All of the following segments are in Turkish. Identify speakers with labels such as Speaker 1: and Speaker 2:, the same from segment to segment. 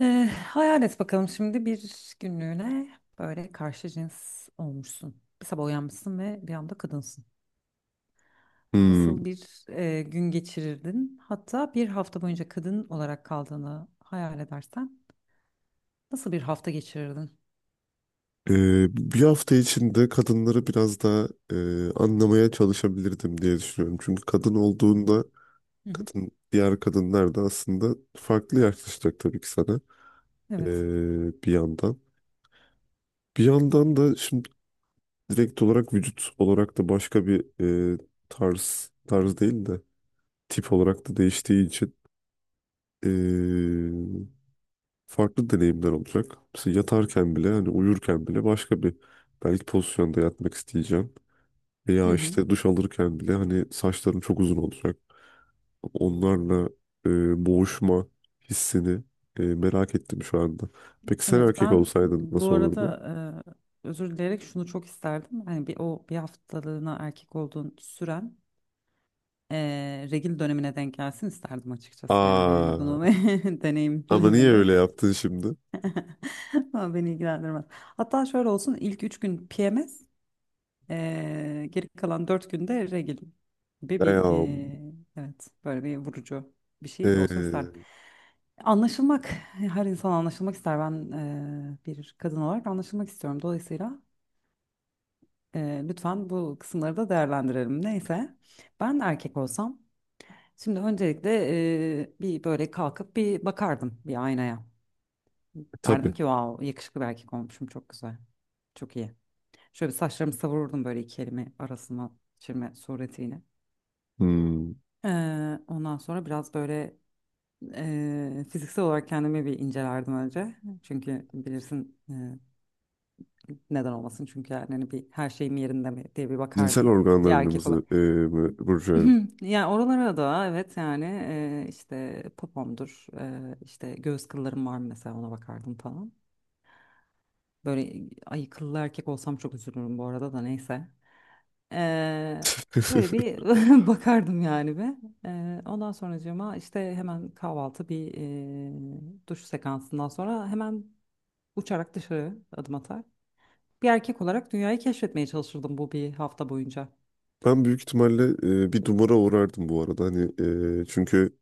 Speaker 1: Ee, Hayal et bakalım şimdi bir günlüğüne böyle karşı cins olmuşsun. Bir sabah uyanmışsın ve bir anda kadınsın.
Speaker 2: Hmm.
Speaker 1: Nasıl bir gün geçirirdin? Hatta bir hafta boyunca kadın olarak kaldığını hayal edersen nasıl bir hafta geçirirdin?
Speaker 2: Bir hafta içinde kadınları biraz daha anlamaya çalışabilirdim diye düşünüyorum. Çünkü kadın
Speaker 1: Hı
Speaker 2: olduğunda
Speaker 1: hı. Hı hı.
Speaker 2: diğer kadınlar da aslında farklı yaklaşacak tabii ki sana,
Speaker 1: Evet.
Speaker 2: bir yandan. Bir yandan da şimdi direkt olarak vücut olarak da başka bir e, tarz değil de tip olarak da değiştiği için e, farklı deneyimler olacak. Mesela yatarken bile hani uyurken bile başka bir belki pozisyonda yatmak isteyeceğim.
Speaker 1: Hı
Speaker 2: Ya
Speaker 1: hı.
Speaker 2: işte duş alırken bile hani saçlarım çok uzun olacak. Onlarla boğuşma hissini merak ettim şu anda. Peki sen
Speaker 1: Evet,
Speaker 2: erkek
Speaker 1: ben
Speaker 2: olsaydın
Speaker 1: bu
Speaker 2: nasıl olurdu?
Speaker 1: arada özür dileyerek şunu çok isterdim. Hani bir o bir haftalığına erkek olduğun süren regil dönemine denk gelsin isterdim açıkçası, yani hani
Speaker 2: Aa,
Speaker 1: bunu
Speaker 2: ama niye
Speaker 1: deneyimlemeni
Speaker 2: öyle yaptın şimdi?
Speaker 1: ama beni ilgilendirmez. Hatta şöyle olsun: ilk üç gün PMS, geri kalan dört günde regil gibi bir
Speaker 2: Ya,
Speaker 1: evet böyle bir vurucu bir şey olsun isterdim.
Speaker 2: e,
Speaker 1: Anlaşılmak, her insan anlaşılmak ister, ben bir kadın olarak anlaşılmak istiyorum, dolayısıyla lütfen bu kısımları da değerlendirelim. Neyse, ben erkek olsam, şimdi öncelikle bir böyle kalkıp bir bakardım bir aynaya. Derdim
Speaker 2: tabii.
Speaker 1: ki wow, yakışıklı bir erkek olmuşum, çok güzel. Çok iyi. Şöyle bir saçlarımı savururdum böyle iki elimi arasına çirme suretiyle.
Speaker 2: Hmm,
Speaker 1: Ee, Ondan sonra biraz böyle fiziksel olarak kendimi bir incelerdim önce. Çünkü bilirsin, neden olmasın, çünkü yani hani bir her şeyim yerinde mi diye bir
Speaker 2: cinsel
Speaker 1: bakardım. Bir erkek olarak.
Speaker 2: organlarımızı, burcu.
Speaker 1: Hı, yani oralara da evet yani işte popomdur, işte göğüs kıllarım var mı mesela, ona bakardım falan. Böyle ay, kıllı erkek olsam çok üzülürüm bu arada da, neyse. E, Böyle bir bakardım yani bir. Ondan sonracığıma işte hemen kahvaltı bir duş sekansından sonra hemen uçarak dışarı adım atar. Bir erkek olarak dünyayı keşfetmeye çalışırdım bu bir hafta boyunca.
Speaker 2: Ben büyük ihtimalle bir dumura uğrardım bu arada. Hani çünkü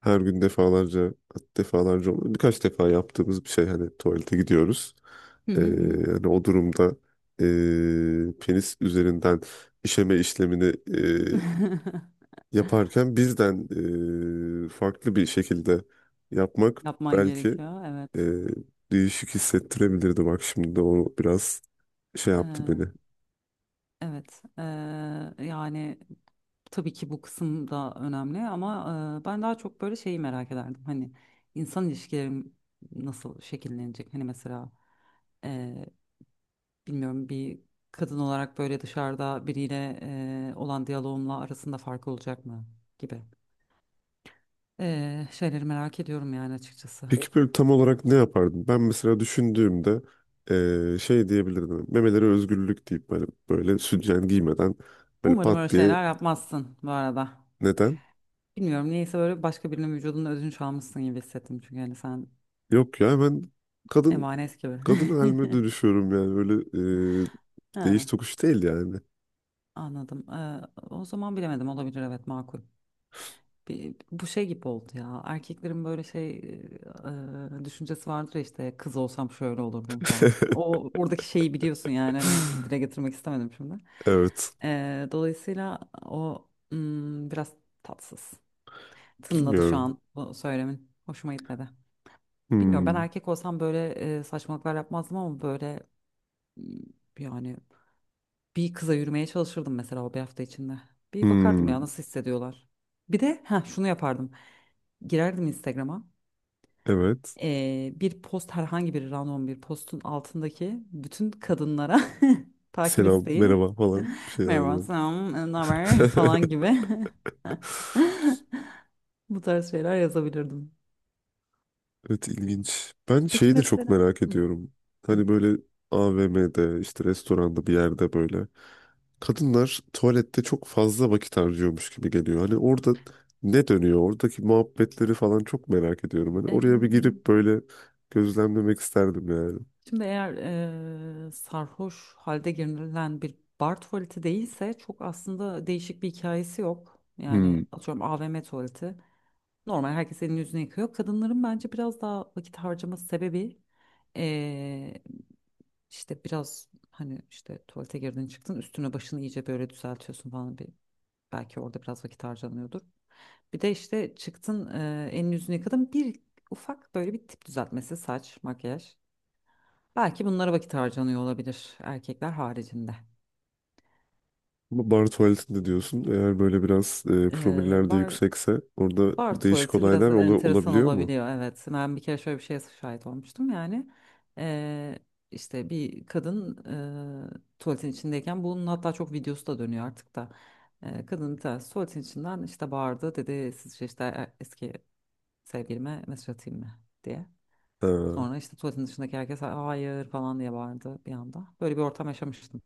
Speaker 2: her gün defalarca, defalarca olmadı. Birkaç defa yaptığımız bir şey, hani tuvalete gidiyoruz.
Speaker 1: Hı
Speaker 2: Ee,
Speaker 1: hı hı.
Speaker 2: hani o durumda penis üzerinden işeme işlemini yaparken bizden farklı bir şekilde yapmak
Speaker 1: Yapman
Speaker 2: belki
Speaker 1: gerekiyor.
Speaker 2: ee,
Speaker 1: Evet.
Speaker 2: değişik hissettirebilirdi. Bak şimdi de o biraz şey yaptı
Speaker 1: Ee,
Speaker 2: beni.
Speaker 1: evet. Yani tabii ki bu kısım da önemli ama ben daha çok böyle şeyi merak ederdim. Hani insan ilişkilerim nasıl şekillenecek? Hani mesela e, bilmiyorum, bir kadın olarak böyle dışarıda biriyle olan diyaloğumla arasında fark olacak mı gibi şeyleri merak ediyorum yani açıkçası.
Speaker 2: Peki böyle tam olarak ne yapardın? Ben mesela düşündüğümde şey diyebilirdim. Memeleri özgürlük deyip böyle, böyle sütyen giymeden böyle
Speaker 1: Umarım
Speaker 2: pat
Speaker 1: öyle
Speaker 2: diye
Speaker 1: şeyler yapmazsın bu arada.
Speaker 2: neden?
Speaker 1: Bilmiyorum niyeyse böyle başka birinin vücudunun özünü çalmışsın gibi hissettim. Çünkü hani sen
Speaker 2: Yok ya, hemen kadın
Speaker 1: emanet gibi.
Speaker 2: kadın halime dönüşüyorum yani böyle, eee, değiş
Speaker 1: Ha,
Speaker 2: tokuş değil yani.
Speaker 1: anladım. O zaman bilemedim, olabilir, evet, makul. Bu şey gibi oldu ya. Erkeklerin böyle şey düşüncesi vardır ya, işte kız olsam şöyle olurdum falan. O oradaki şeyi biliyorsun yani, hani dile getirmek istemedim şimdi.
Speaker 2: Evet,
Speaker 1: Dolayısıyla o biraz tatsız tınladı şu
Speaker 2: bilmiyorum.
Speaker 1: an bu söylemin. Hoşuma gitmedi. Bilmiyorum, ben
Speaker 2: Hmm,
Speaker 1: erkek olsam böyle saçmalıklar yapmazdım ama böyle m, yani bir kıza yürümeye çalışırdım mesela o bir hafta içinde. Bir bakardım ya
Speaker 2: hmm,
Speaker 1: nasıl hissediyorlar. Bir de ha şunu yapardım. Girerdim Instagram'a.
Speaker 2: evet.
Speaker 1: Bir post, herhangi bir random bir postun altındaki bütün kadınlara takip
Speaker 2: Selam,
Speaker 1: isteği.
Speaker 2: merhaba falan, bir şeyler
Speaker 1: Merhaba,
Speaker 2: böyle.
Speaker 1: selam, ne haber falan gibi. Bu tarz şeyler yazabilirdim.
Speaker 2: Evet, ilginç. Ben
Speaker 1: Peki
Speaker 2: şeyi de çok
Speaker 1: mesela.
Speaker 2: merak
Speaker 1: Hı,
Speaker 2: ediyorum.
Speaker 1: hı.
Speaker 2: Hani böyle AVM'de, işte restoranda, bir yerde böyle kadınlar tuvalette çok fazla vakit harcıyormuş gibi geliyor. Hani orada ne dönüyor? Oradaki muhabbetleri falan çok merak ediyorum. Hani oraya bir
Speaker 1: Ee,
Speaker 2: girip böyle gözlemlemek isterdim yani.
Speaker 1: Şimdi eğer sarhoş halde girilen bir bar tuvaleti değilse çok aslında değişik bir hikayesi yok.
Speaker 2: Hmm.
Speaker 1: Yani atıyorum AVM tuvaleti. Normal, herkes elini yüzünü yıkıyor. Kadınların bence biraz daha vakit harcaması sebebi eee, işte biraz, hani işte tuvalete girdin çıktın, üstüne başını iyice böyle düzeltiyorsun falan, bir belki orada biraz vakit harcanıyordur. Bir de işte çıktın elini yüzünü yıkadın bir ufak böyle bir tip düzeltmesi, saç, makyaj. Belki bunlara vakit harcanıyor olabilir erkekler haricinde.
Speaker 2: Ama bar tuvaletinde diyorsun, eğer böyle biraz
Speaker 1: Ee,
Speaker 2: promiller de
Speaker 1: bar,
Speaker 2: yüksekse orada
Speaker 1: Bar
Speaker 2: değişik
Speaker 1: tuvaleti biraz
Speaker 2: olaylar
Speaker 1: enteresan
Speaker 2: olabiliyor mu?
Speaker 1: olabiliyor, evet. Ben bir kere şöyle bir şeye şahit olmuştum yani. Ee, işte bir kadın tuvaletin içindeyken, bunun hatta çok videosu da dönüyor artık da. Kadın, bir tanesi tuvaletin içinden işte bağırdı, dedi sizce işte eski sevgilime mesaj atayım mı diye.
Speaker 2: Ha.
Speaker 1: Sonra işte tuvaletin dışındaki herkes hayır falan diye bağırdı bir anda. Böyle bir ortam yaşamıştım.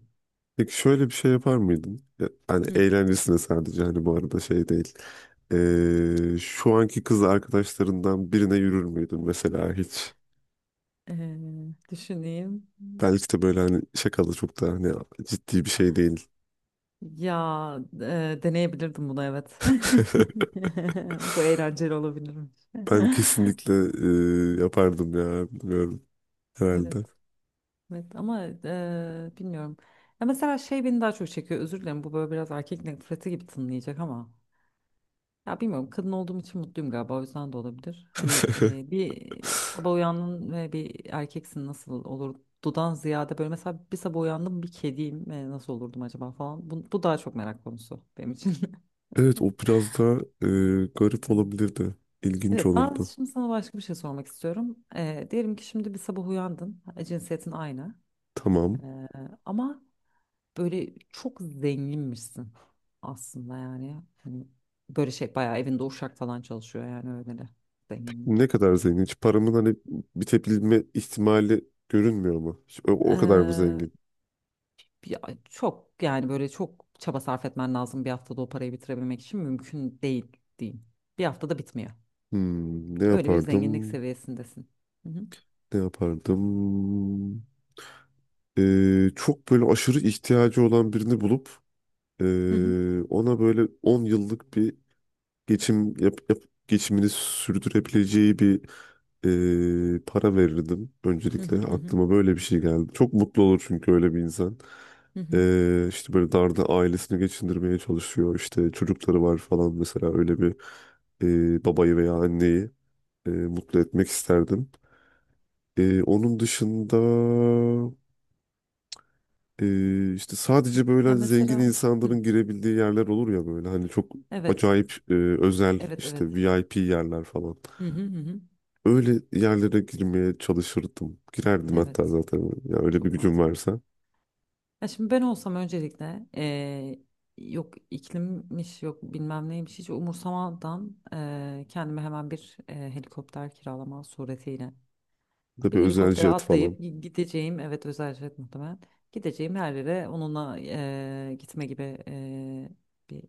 Speaker 2: Peki şöyle bir şey yapar mıydın? Ya, hani
Speaker 1: Hı.
Speaker 2: eğlencesine sadece, hani bu arada şey değil. Şu anki kız arkadaşlarından birine yürür müydün mesela hiç?
Speaker 1: Ee, Düşüneyim.
Speaker 2: Belki de böyle hani şakalı, çok da hani ciddi bir şey değil.
Speaker 1: Ya, deneyebilirdim bunu, evet. Bu eğlenceli olabilirmiş.
Speaker 2: Ben kesinlikle yapardım ya, bilmiyorum
Speaker 1: Evet.
Speaker 2: herhalde.
Speaker 1: Evet ama bilmiyorum. Ya mesela şey beni daha çok çekiyor. Özür dilerim, bu böyle biraz erkek nefreti gibi tınlayacak ama. Ya bilmiyorum, kadın olduğum için mutluyum galiba, o yüzden de olabilir. Hani bir sabah uyandın ve bir erkeksin nasıl olurdudan ziyade böyle mesela bir sabah uyandım bir kediyim, nasıl olurdum acaba falan. Bu daha çok merak konusu benim için.
Speaker 2: Evet, o biraz da garip olabilirdi. İlginç
Speaker 1: Evet, ben
Speaker 2: olurdu.
Speaker 1: şimdi sana başka bir şey sormak istiyorum. Diyelim ki şimdi bir sabah uyandın, cinsiyetin aynı.
Speaker 2: Tamam.
Speaker 1: Ee, Ama böyle çok zenginmişsin aslında yani. Hani böyle şey bayağı evinde uşak falan çalışıyor yani, öyle de zenginlik.
Speaker 2: Ne kadar zengin? Hiç paramın hani bitebilme ihtimali görünmüyor mu? Hiç o, o kadar mı
Speaker 1: Ee,
Speaker 2: zengin?
Speaker 1: Ya çok, yani böyle çok çaba sarf etmen lazım bir haftada o parayı bitirebilmek için, mümkün değil diyeyim. Bir haftada bitmiyor.
Speaker 2: Hmm, ne
Speaker 1: Öyle bir zenginlik
Speaker 2: yapardım?
Speaker 1: seviyesindesin. Hı hı.
Speaker 2: Ne yapardım? Çok böyle aşırı ihtiyacı olan birini bulup
Speaker 1: Hı hı.
Speaker 2: ona böyle 10 yıllık bir geçim yap, yap- geçimini sürdürebileceği bir para verirdim
Speaker 1: Hı
Speaker 2: öncelikle.
Speaker 1: hı. Hı hı.
Speaker 2: Aklıma böyle bir şey geldi. Çok mutlu olur çünkü öyle bir insan.
Speaker 1: Hı hı.
Speaker 2: İşte böyle darda ailesini geçindirmeye çalışıyor. İşte çocukları var falan, mesela öyle bir babayı veya anneyi mutlu etmek isterdim. Onun dışında işte sadece böyle
Speaker 1: Ya
Speaker 2: hani zengin
Speaker 1: mesela, hı,
Speaker 2: insanların girebildiği yerler olur ya, böyle hani çok
Speaker 1: evet.
Speaker 2: acayip özel,
Speaker 1: Evet,
Speaker 2: işte
Speaker 1: evet.
Speaker 2: VIP yerler falan.
Speaker 1: Hı hı hı. Hı.
Speaker 2: Öyle yerlere girmeye çalışırdım. Girerdim hatta
Speaker 1: Evet,
Speaker 2: zaten ya, öyle bir
Speaker 1: çok
Speaker 2: gücüm
Speaker 1: mantıklı.
Speaker 2: varsa.
Speaker 1: Ya şimdi ben olsam öncelikle yok iklimmiş yok bilmem neymiş hiç umursamadan kendime hemen bir helikopter kiralama suretiyle
Speaker 2: Tabii,
Speaker 1: bir
Speaker 2: özel
Speaker 1: helikoptere
Speaker 2: jet falan.
Speaker 1: atlayıp gideceğim, evet özel jet muhtemelen, gideceğim her yere onunla, gitme gibi bir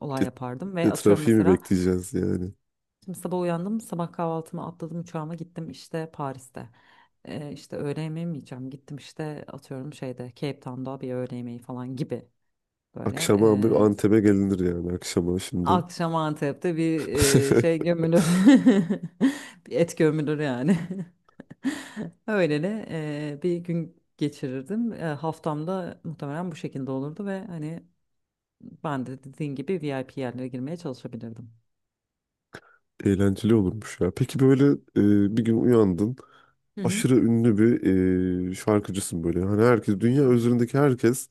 Speaker 1: olay
Speaker 2: Bir de-
Speaker 1: yapardım
Speaker 2: bir
Speaker 1: ve
Speaker 2: de
Speaker 1: atıyorum
Speaker 2: trafiği mi
Speaker 1: mesela,
Speaker 2: bekleyeceğiz yani?
Speaker 1: şimdi sabah uyandım, sabah kahvaltımı atladım, uçağıma gittim işte Paris'te. İşte öğle yemeği mi yiyeceğim? Gittim işte atıyorum şeyde Cape Town'da bir öğle yemeği falan gibi böyle.
Speaker 2: Akşama abi Antep'e gelinir yani akşama şimdi.
Speaker 1: Akşam Antep'te bir şey gömülür. Bir et gömülür yani. Öyle de bir gün geçirirdim. Haftamda muhtemelen bu şekilde olurdu ve hani ben de dediğin gibi VIP yerlere girmeye çalışabilirdim.
Speaker 2: Eğlenceli olurmuş ya. Peki böyle bir gün uyandın.
Speaker 1: Hı hı.
Speaker 2: Aşırı ünlü bir şarkıcısın böyle. Hani herkes,
Speaker 1: Hı
Speaker 2: dünya
Speaker 1: hı
Speaker 2: üzerindeki herkes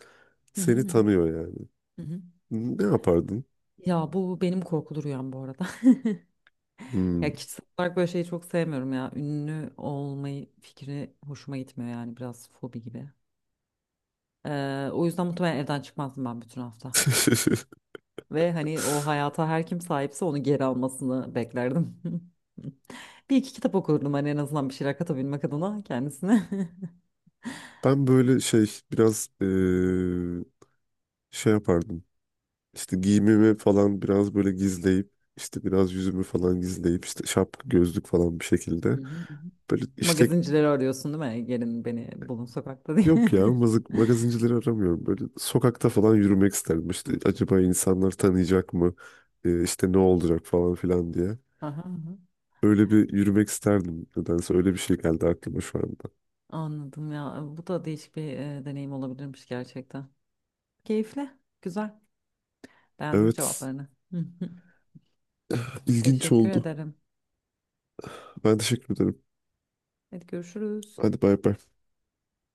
Speaker 1: hı
Speaker 2: seni
Speaker 1: hı.
Speaker 2: tanıyor yani.
Speaker 1: Hı hı.
Speaker 2: Ne yapardın?
Speaker 1: Ya bu benim korkulu rüyam bu arada.
Speaker 2: Hmm.
Speaker 1: Ya kişisel olarak böyle şeyi çok sevmiyorum ya. Ünlü olmayı fikri hoşuma gitmiyor yani, biraz fobi gibi. O yüzden muhtemelen evden çıkmazdım ben bütün hafta. Ve hani o hayata her kim sahipse onu geri almasını beklerdim. Bir iki kitap okurdum hani en azından bir şeyler katabilmek adına kendisine.
Speaker 2: Ben böyle şey biraz şey yapardım. İşte giyimimi falan biraz böyle gizleyip, işte biraz yüzümü falan gizleyip, işte şapka gözlük falan bir şekilde
Speaker 1: Hı hı, hı hı.
Speaker 2: böyle işte.
Speaker 1: Magazincileri arıyorsun değil mi? Gelin beni bulun sokakta diye.
Speaker 2: Yok ya, mazık, magazincileri aramıyorum. Böyle sokakta falan yürümek isterdim. İşte acaba insanlar tanıyacak mı? İşte ne olacak falan filan diye.
Speaker 1: Aha, aha.
Speaker 2: Öyle bir yürümek isterdim. Nedense öyle bir şey geldi aklıma şu anda.
Speaker 1: Anladım ya. Bu da değişik bir deneyim olabilirmiş gerçekten. Keyifli. Güzel. Beğendim
Speaker 2: Evet,
Speaker 1: cevaplarını.
Speaker 2: ilginç
Speaker 1: Teşekkür
Speaker 2: oldu.
Speaker 1: ederim.
Speaker 2: Ben teşekkür ederim.
Speaker 1: Hadi görüşürüz.
Speaker 2: Hadi bay bay.